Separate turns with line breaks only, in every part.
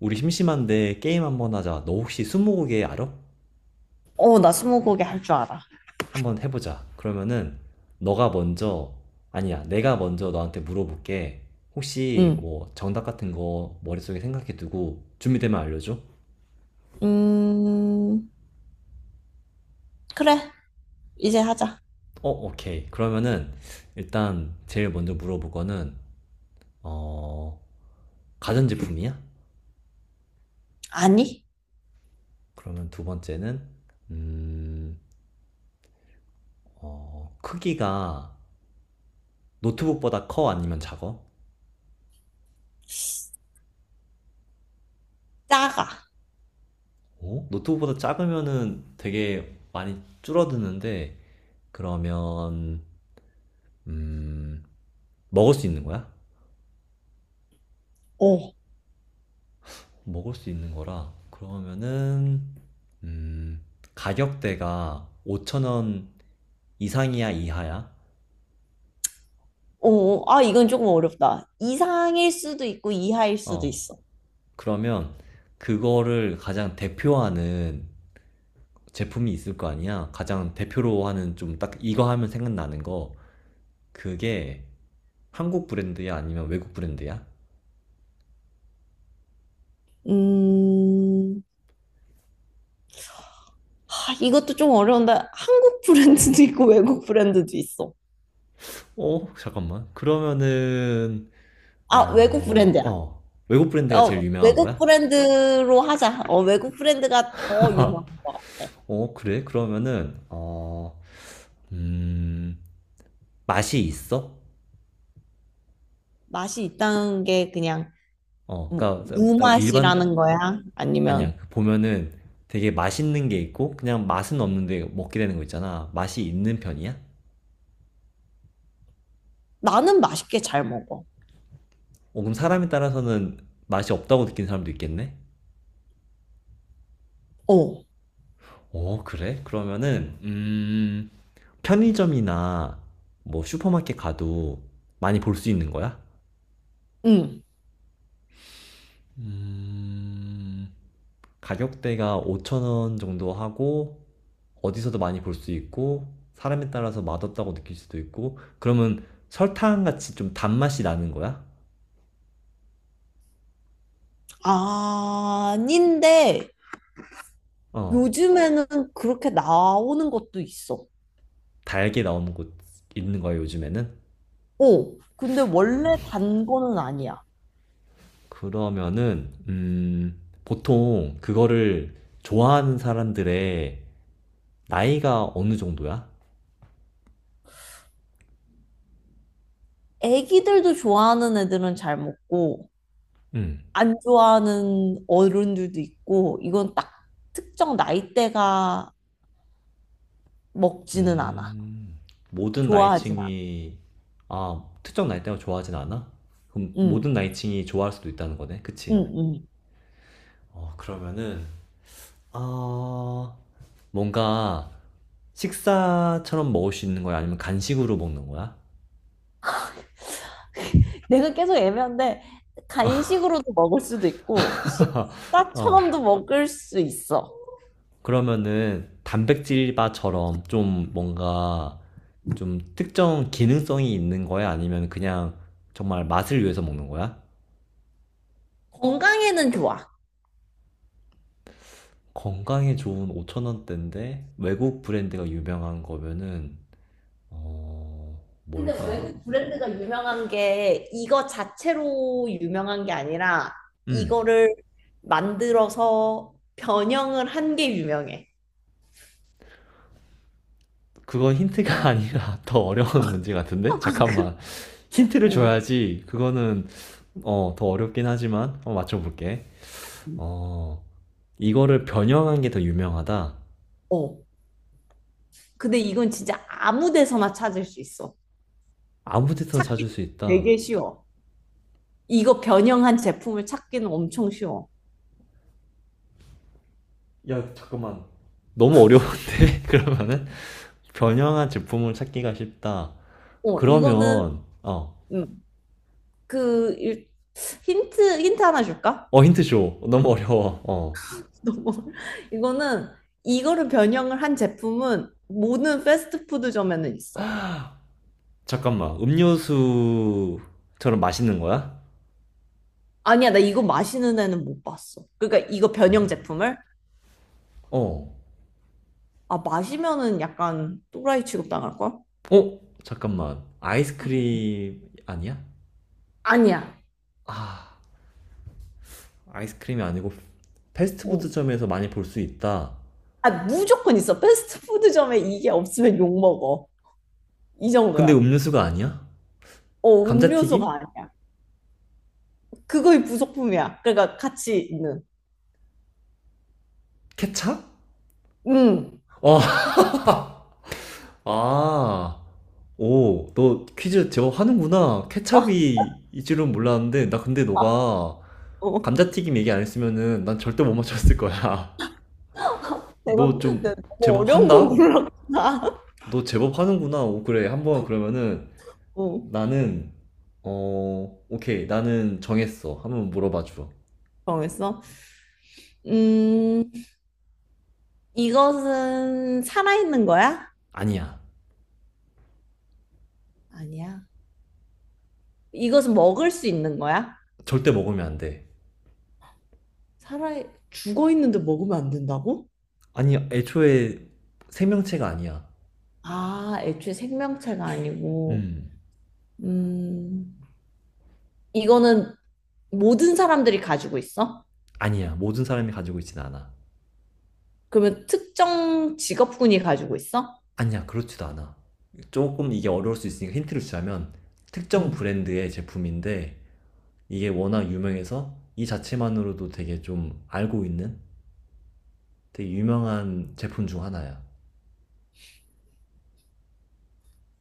우리 심심한데 게임 한번 하자. 너 혹시 스무고개 알아?
어, 나 스무고개 할 줄 알아.
한번 해보자. 그러면은 너가 먼저 아니야. 내가 먼저 너한테 물어볼게. 혹시
응.
뭐 정답 같은 거 머릿속에 생각해 두고 준비되면 알려줘.
음, 그래. 이제 하자.
오케이. 그러면은 일단 제일 먼저 물어볼 거는 어, 가전제품이야?
아니,
그러면 두 번째는 음, 크기가 노트북보다 커 아니면 작아?
작아.
오? 노트북보다 작으면은 되게 많이 줄어드는데 그러면 음 먹을 수 있는 거야?
어.
먹을 수 있는 거라 그러면은 음 가격대가 5천원 이상이야 이하야?
이건 조금 어렵다. 이상일 수도 있고, 이하일 수도
어,
있어.
그러면 그거를 가장 대표하는 제품이 있을 거 아니야? 가장 대표로 하는 좀 딱 이거 하면 생각나는 거 그게 한국 브랜드야 아니면 외국 브랜드야?
음, 이것도 좀 어려운데, 한국 브랜드도 있고, 외국 브랜드도 있어.
어, 잠깐만. 그러면은,
아, 외국 브랜드야.
외국 브랜드가 제일
어,
유명한
외국
거야?
브랜드로 하자. 어, 외국 브랜드가 더 유명한 것 같아.
어, 그래? 그러면은, 음, 맛이 있어?
맛이 있다는 게 그냥
어, 그니까, 딱 일반,
무맛이라는 거야? 아니면
아니야. 그 보면은 되게 맛있는 게 있고, 그냥 맛은 없는데 먹게 되는 거 있잖아. 맛이 있는 편이야?
나는 맛있게 잘 먹어.
그럼 사람에 따라서는 맛이 없다고 느낀 사람도 있겠네?
어,
어, 그래? 그러면은, 편의점이나 뭐 슈퍼마켓 가도 많이 볼 수 있는 거야?
응.
음, 가격대가 5천원 정도 하고, 어디서도 많이 볼 수 있고, 사람에 따라서 맛없다고 느낄 수도 있고, 그러면 설탕 같이 좀 단맛이 나는 거야?
아닌데,
어,
요즘에는 그렇게 나오는 것도 있어.
달게 나오는 곳 있는 거야, 요즘에는?
어, 근데 원래 단 거는 아니야.
그러면은, 보통 그거를 좋아하는 사람들의 나이가 어느 정도야?
애기들도 좋아하는 애들은 잘 먹고,
음.
안 좋아하는 어른들도 있고, 이건 딱 특정 나이대가 먹지는 않아.
음, 모든
좋아하진 않아.
나이층이, 아, 특정 나이대가 좋아하진 않아? 그럼 모든
응,
나이층이 좋아할 수도 있다는 거네?
응,
그치?
응.
어, 그러면은, 아, 뭔가 식사처럼 먹을 수 있는 거야? 아니면 간식으로 먹는 거야?
내가 계속 애매한데, 간식으로도 먹을 수도 있고,
어,
식사처럼도 먹을 수 있어.
그러면은 단백질바처럼 좀 뭔가 좀 특정 기능성이 있는 거야? 아니면 그냥 정말 맛을 위해서 먹는 거야?
건강에는 좋아.
건강에 좋은 5,000원대인데 외국 브랜드가 유명한 거면은
근데
뭘까?
외국 브랜드가 유명한 게 이거 자체로 유명한 게 아니라
음,
이거를 만들어서 변형을 한 게 유명해.
그건 힌트가 아니라 더 어려운 문제 같은데? 잠깐만. 힌트를
어.
줘야지. 그거는 더 어렵긴 하지만 한번 맞춰볼게. 어, 이거를 변형한 게 더 유명하다.
어. 근데 이건 진짜 아무 데서나 찾을 수 있어.
아무 데서나 찾을
찾기
수 있다.
되게 쉬워. 이거 변형한 제품을 찾기는 엄청 쉬워.
야, 잠깐만. 너무 어려운데? 그러면은 변형한 제품을 찾기가 쉽다.
어, 이거는
그러면 어,
음, 그 일- 힌트 하나 줄까?
힌트쇼 너무 어려워.
너무 이거는 이거를 변형을 한 제품은 모든 패스트푸드점에는 있어.
잠깐만, 음료수처럼 맛있는 거야?
아니야, 나 이거 마시는 애는 못 봤어. 그러니까 이거 변형
어?
제품을
어?
아 마시면은 약간 또라이 취급 당할 걸?
어? 잠깐만, 아이스크림 아니야?
아니야.
아 아이스크림이 아니고
어.
패스트푸드점에서 많이 볼 수 있다.
아 무조건 있어. 패스트푸드점에 이게 없으면 욕 먹어. 이
근데
정도야.
음료수가 아니야?
어, 음료수가
감자튀김?
아니야. 그거의 부속품이야. 그러니까 같이 있는.
케찹?
응.
어, 아, 오, 너 퀴즈 제법 하는구나. 케찹이 이 줄은 몰랐는데, 나 근데
아, 아,
너가
어.
감자튀김 얘기 안 했으면은 난 절대 못 맞췄을 거야.
내가,
너 좀
내가 너무
제법
어려운 걸
한다?
골랐구나.
너 제법 하는구나. 오, 그래. 한 번 그러면은
어.
나는 오케이. 나는 정했어. 한 번 물어봐 줘.
정했어? 음, 이것은 살아있는 거야?
아니야.
아니야. 이것은 먹을 수 있는 거야?
절대 먹으면 안 돼.
살아, 죽어 있는데 먹으면 안 된다고?
아니, 애초에 생명체가 아니야.
아, 애초에 생명체가 아니고.
음.
음, 이거는 모든 사람들이 가지고 있어?
아니야. 모든 사람이 가지고 있진 않아.
그러면 특정 직업군이 가지고 있어?
아니야. 그렇지도 않아. 조금 이게 어려울 수 있으니까 힌트를 주자면 특정
음,
브랜드의 제품인데 이게 워낙 유명해서 이 자체만으로도 되게 좀 알고 있는 되게 유명한 제품 중 하나야.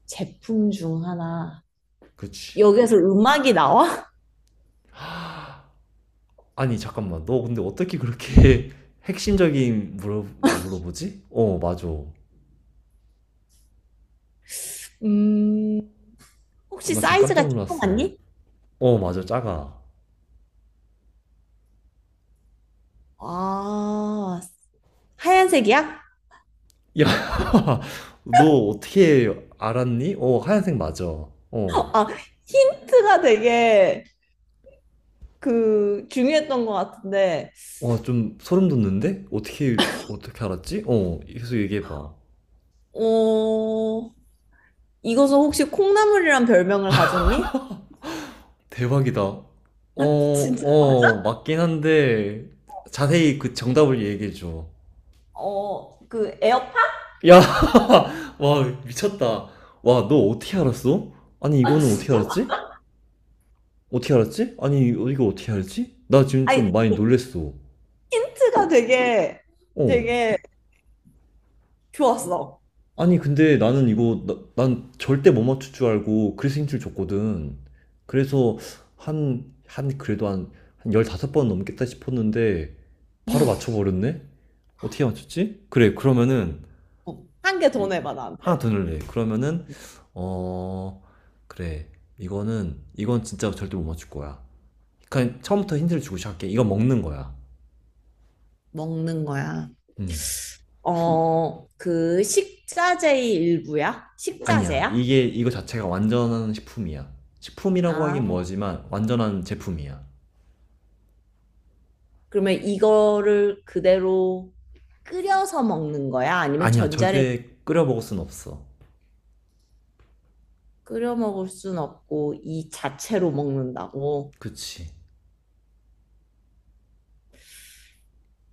제품 중 하나.
그렇지.
여기에서 음악이 나와?
아니, 잠깐만. 너 근데 어떻게 그렇게 핵심적인 물어보지? 어, 맞아.
음, 혹시
나 지금 깜짝
사이즈가
놀랐어.
조그맣니?
어, 맞아, 작아.
아, 하얀색이야?
야, 너 어떻게 알았니? 어, 하얀색 맞아. 어.
아, 힌트가 되게 그 중요했던 것 같은데,
와, 좀 소름 돋는데? 어떻게 어떻게 알았지? 어, 계속 얘기해봐.
어, 이것은 혹시 콩나물이란 별명을 가졌니?
대박이다. 어,
아, 진짜
어,
맞아?
맞긴 한데 자세히 그 정답을 얘기해줘.
어, 그 에어팟?
야, 와, 미쳤다. 와, 너 어떻게 알았어? 아니,
아,
이거는 어떻게
진짜?
알았지? 어떻게 알았지? 아니, 이거 이거 어떻게 알았지? 나 지금 좀
아니,
많이 놀랬어.
힌트가 되게
어.
되게 좋았어.
아니, 근데 나는 이거, 난 절대 못 맞출 줄 알고 그래서 힌트를 줬거든. 그래서 그래도 한 15번 넘겠다 싶었는데 바로 맞춰버렸네? 어떻게 맞췄지? 그래, 그러면은
한 개 더 내봐,
하나
나한테.
더 넣을래. 그러면은 어 그래, 이거는 이건 진짜 절대 못 맞출 거야. 그냥 처음부터 힌트를 주고 시작할게. 이거 먹는 거야.
먹는 거야.
음
어, 그 식자재의 일부야?
아니야,
식자재야?
이게 이거 자체가 완전한 식품이야. 식품이라고 하긴
아,
뭐지만 완전한 제품이야.
그러면 이거를 그대로 끓여서 먹는 거야? 아니면
아니야,
전자레
절대 끓여 먹을 순 없어.
끓여 먹을 순 없고 이 자체로 먹는다고.
그치.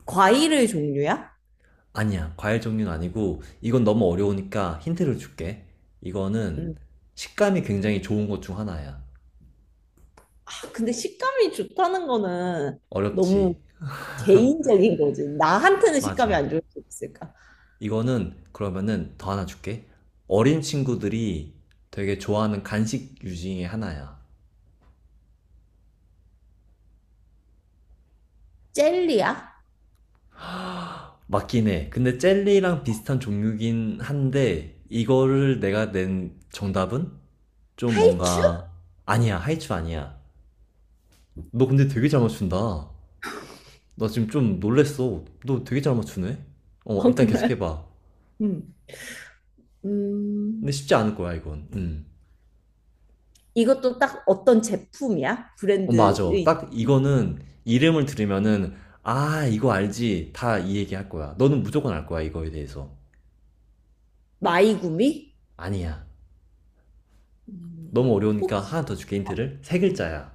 과일의 종류야?
아니야, 과일 종류는 아니고 이건 너무 어려우니까 힌트를 줄게. 이거는
음.
식감이 굉장히 좋은 것 중 하나야.
아, 근데 식감이 좋다는 거는
어렵지.
너무 개인적인 거지. 나한테는 식감이
맞아.
안 좋을 수 있을까?
이거는 그러면은 더 하나 줄게. 어린 친구들이 되게 좋아하는 간식 유징의 하나야.
젤리야?
맞긴 해. 근데 젤리랑 비슷한 종류긴 한데 이거를 내가 낸 정답은 좀
하이츄?
뭔가 아니야. 하이츄 아니야. 너 근데 되게 잘 맞춘다. 나 지금 좀 놀랬어. 너 되게 잘 맞추네. 어,
어,
일단 계속
그래.
해봐.
음.
근데
음.
쉽지 않을 거야, 이건. 음.
이것도 딱 어떤 제품이야?
어, 맞아.
브랜드의
딱 이거는 이름을 들으면은, 아, 이거 알지. 다 이 얘기 할 거야. 너는 무조건 알 거야, 이거에 대해서.
마이구미?
아니야.
음.
너무 어려우니까
혹시
하나 더 줄게,
어,
힌트를. 세
음.
글자야.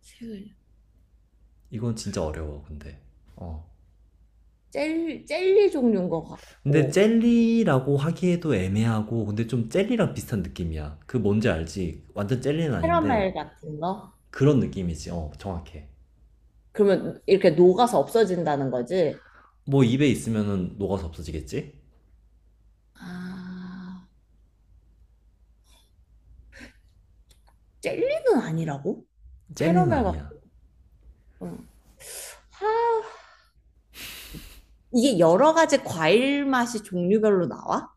색을
이건 진짜 어려워, 근데. 어.
젤리 종류인 것
근데
같고
젤리라고 하기에도 애매하고, 근데 좀 젤리랑 비슷한 느낌이야. 그 뭔지 알지? 완전 젤리는
캐러멜
아닌데,
같은 거?
그런 느낌이지. 어, 정확해.
그러면 이렇게 녹아서 없어진다는 거지?
뭐 입에 있으면은 녹아서 없어지겠지?
아, 젤리는 아니라고?
젤리는
캐러멜 같은.
아니야.
응. 하, 이게 여러 가지 과일 맛이 종류별로 나와?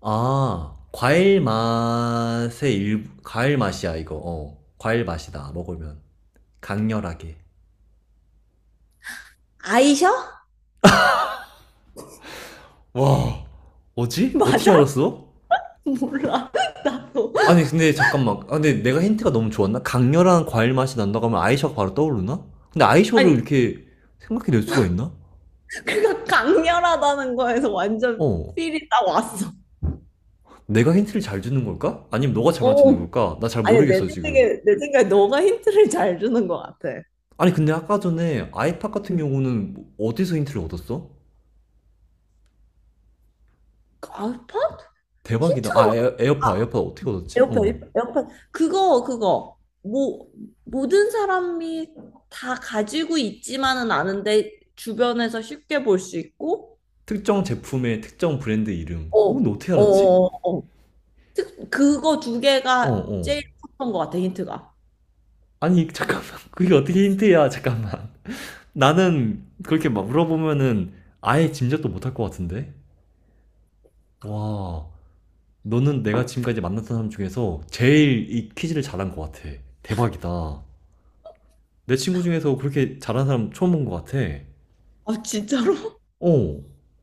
아, 과일 맛이야, 이거. 과일 맛이다, 먹으면. 강렬하게.
아이셔?
와, 뭐지? 어떻게
맞아?
알았어?
몰라. 나도.
아니, 근데 잠깐만. 아, 근데 내가 힌트가 너무 좋았나? 강렬한 과일 맛이 난다고 하면 아이셔가 바로 떠오르나? 근데 아이셔를
아니,
이렇게 생각해낼 수가 있나?
강렬하다는 거에서 완전
어,
필이 딱 왔어.
내가 힌트를 잘 주는 걸까? 아니면 너가 잘
어.
맞추는 걸까? 나 잘
아니,
모르겠어, 지금.
내 생각에 너가 힌트를 잘 주는 것 같아.
아니, 근데 아까 전에 아이팟 같은
응.
경우는 어디서 힌트를 얻었어?
알팟?
대박이다.
힌트가,
아, 에어팟 어떻게 얻었지?
에어팟,
어.
에어팟. 그거. 뭐, 모든 사람이 다 가지고 있지만은 않은데, 주변에서 쉽게 볼 수 있고,
특정 제품의 특정 브랜드 이름.
어,
어, 너 어떻게 알았지?
어. 특, 그거 두
어,
개가
어.
제일 컸던 것 같아, 힌트가.
아니, 잠깐만. 그게 어떻게 힌트야? 잠깐만. 나는 그렇게 막 물어보면은 아예 짐작도 못 할 것 같은데? 와, 너는 내가 지금까지 만났던 사람 중에서 제일 이 퀴즈를 잘한 것 같아. 대박이다. 내 친구 중에서 그렇게 잘한 사람 처음 본 것 같아.
아, 진짜로?
어,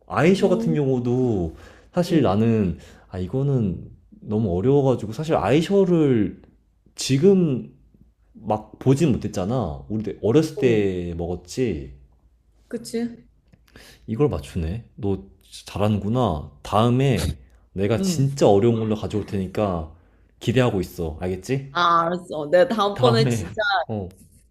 아이셔 같은
응,
경우도 사실
응,
이거는 너무 어려워가지고 사실 아이셔를 지금 막 보진 못했잖아. 우리 어렸을
응.
때 먹었지.
그치?
이걸 맞추네. 너 잘하는구나. 다음에 내가
응.
진짜 어려운 걸로 가져올 테니까 기대하고 있어. 알겠지?
아, 알았어. 내가 다음번에
다음에,
진짜
어,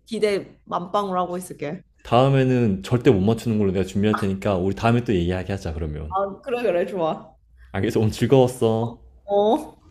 기대 만빵으로 하고 있을게.
다음에는 절대 못 맞추는 걸로 내가 준비할 테니까 우리 다음에 또 얘기하게 하자, 그러면.
아, 그래, 그래, 좋아.
알겠어. 오늘 즐거웠어.
어.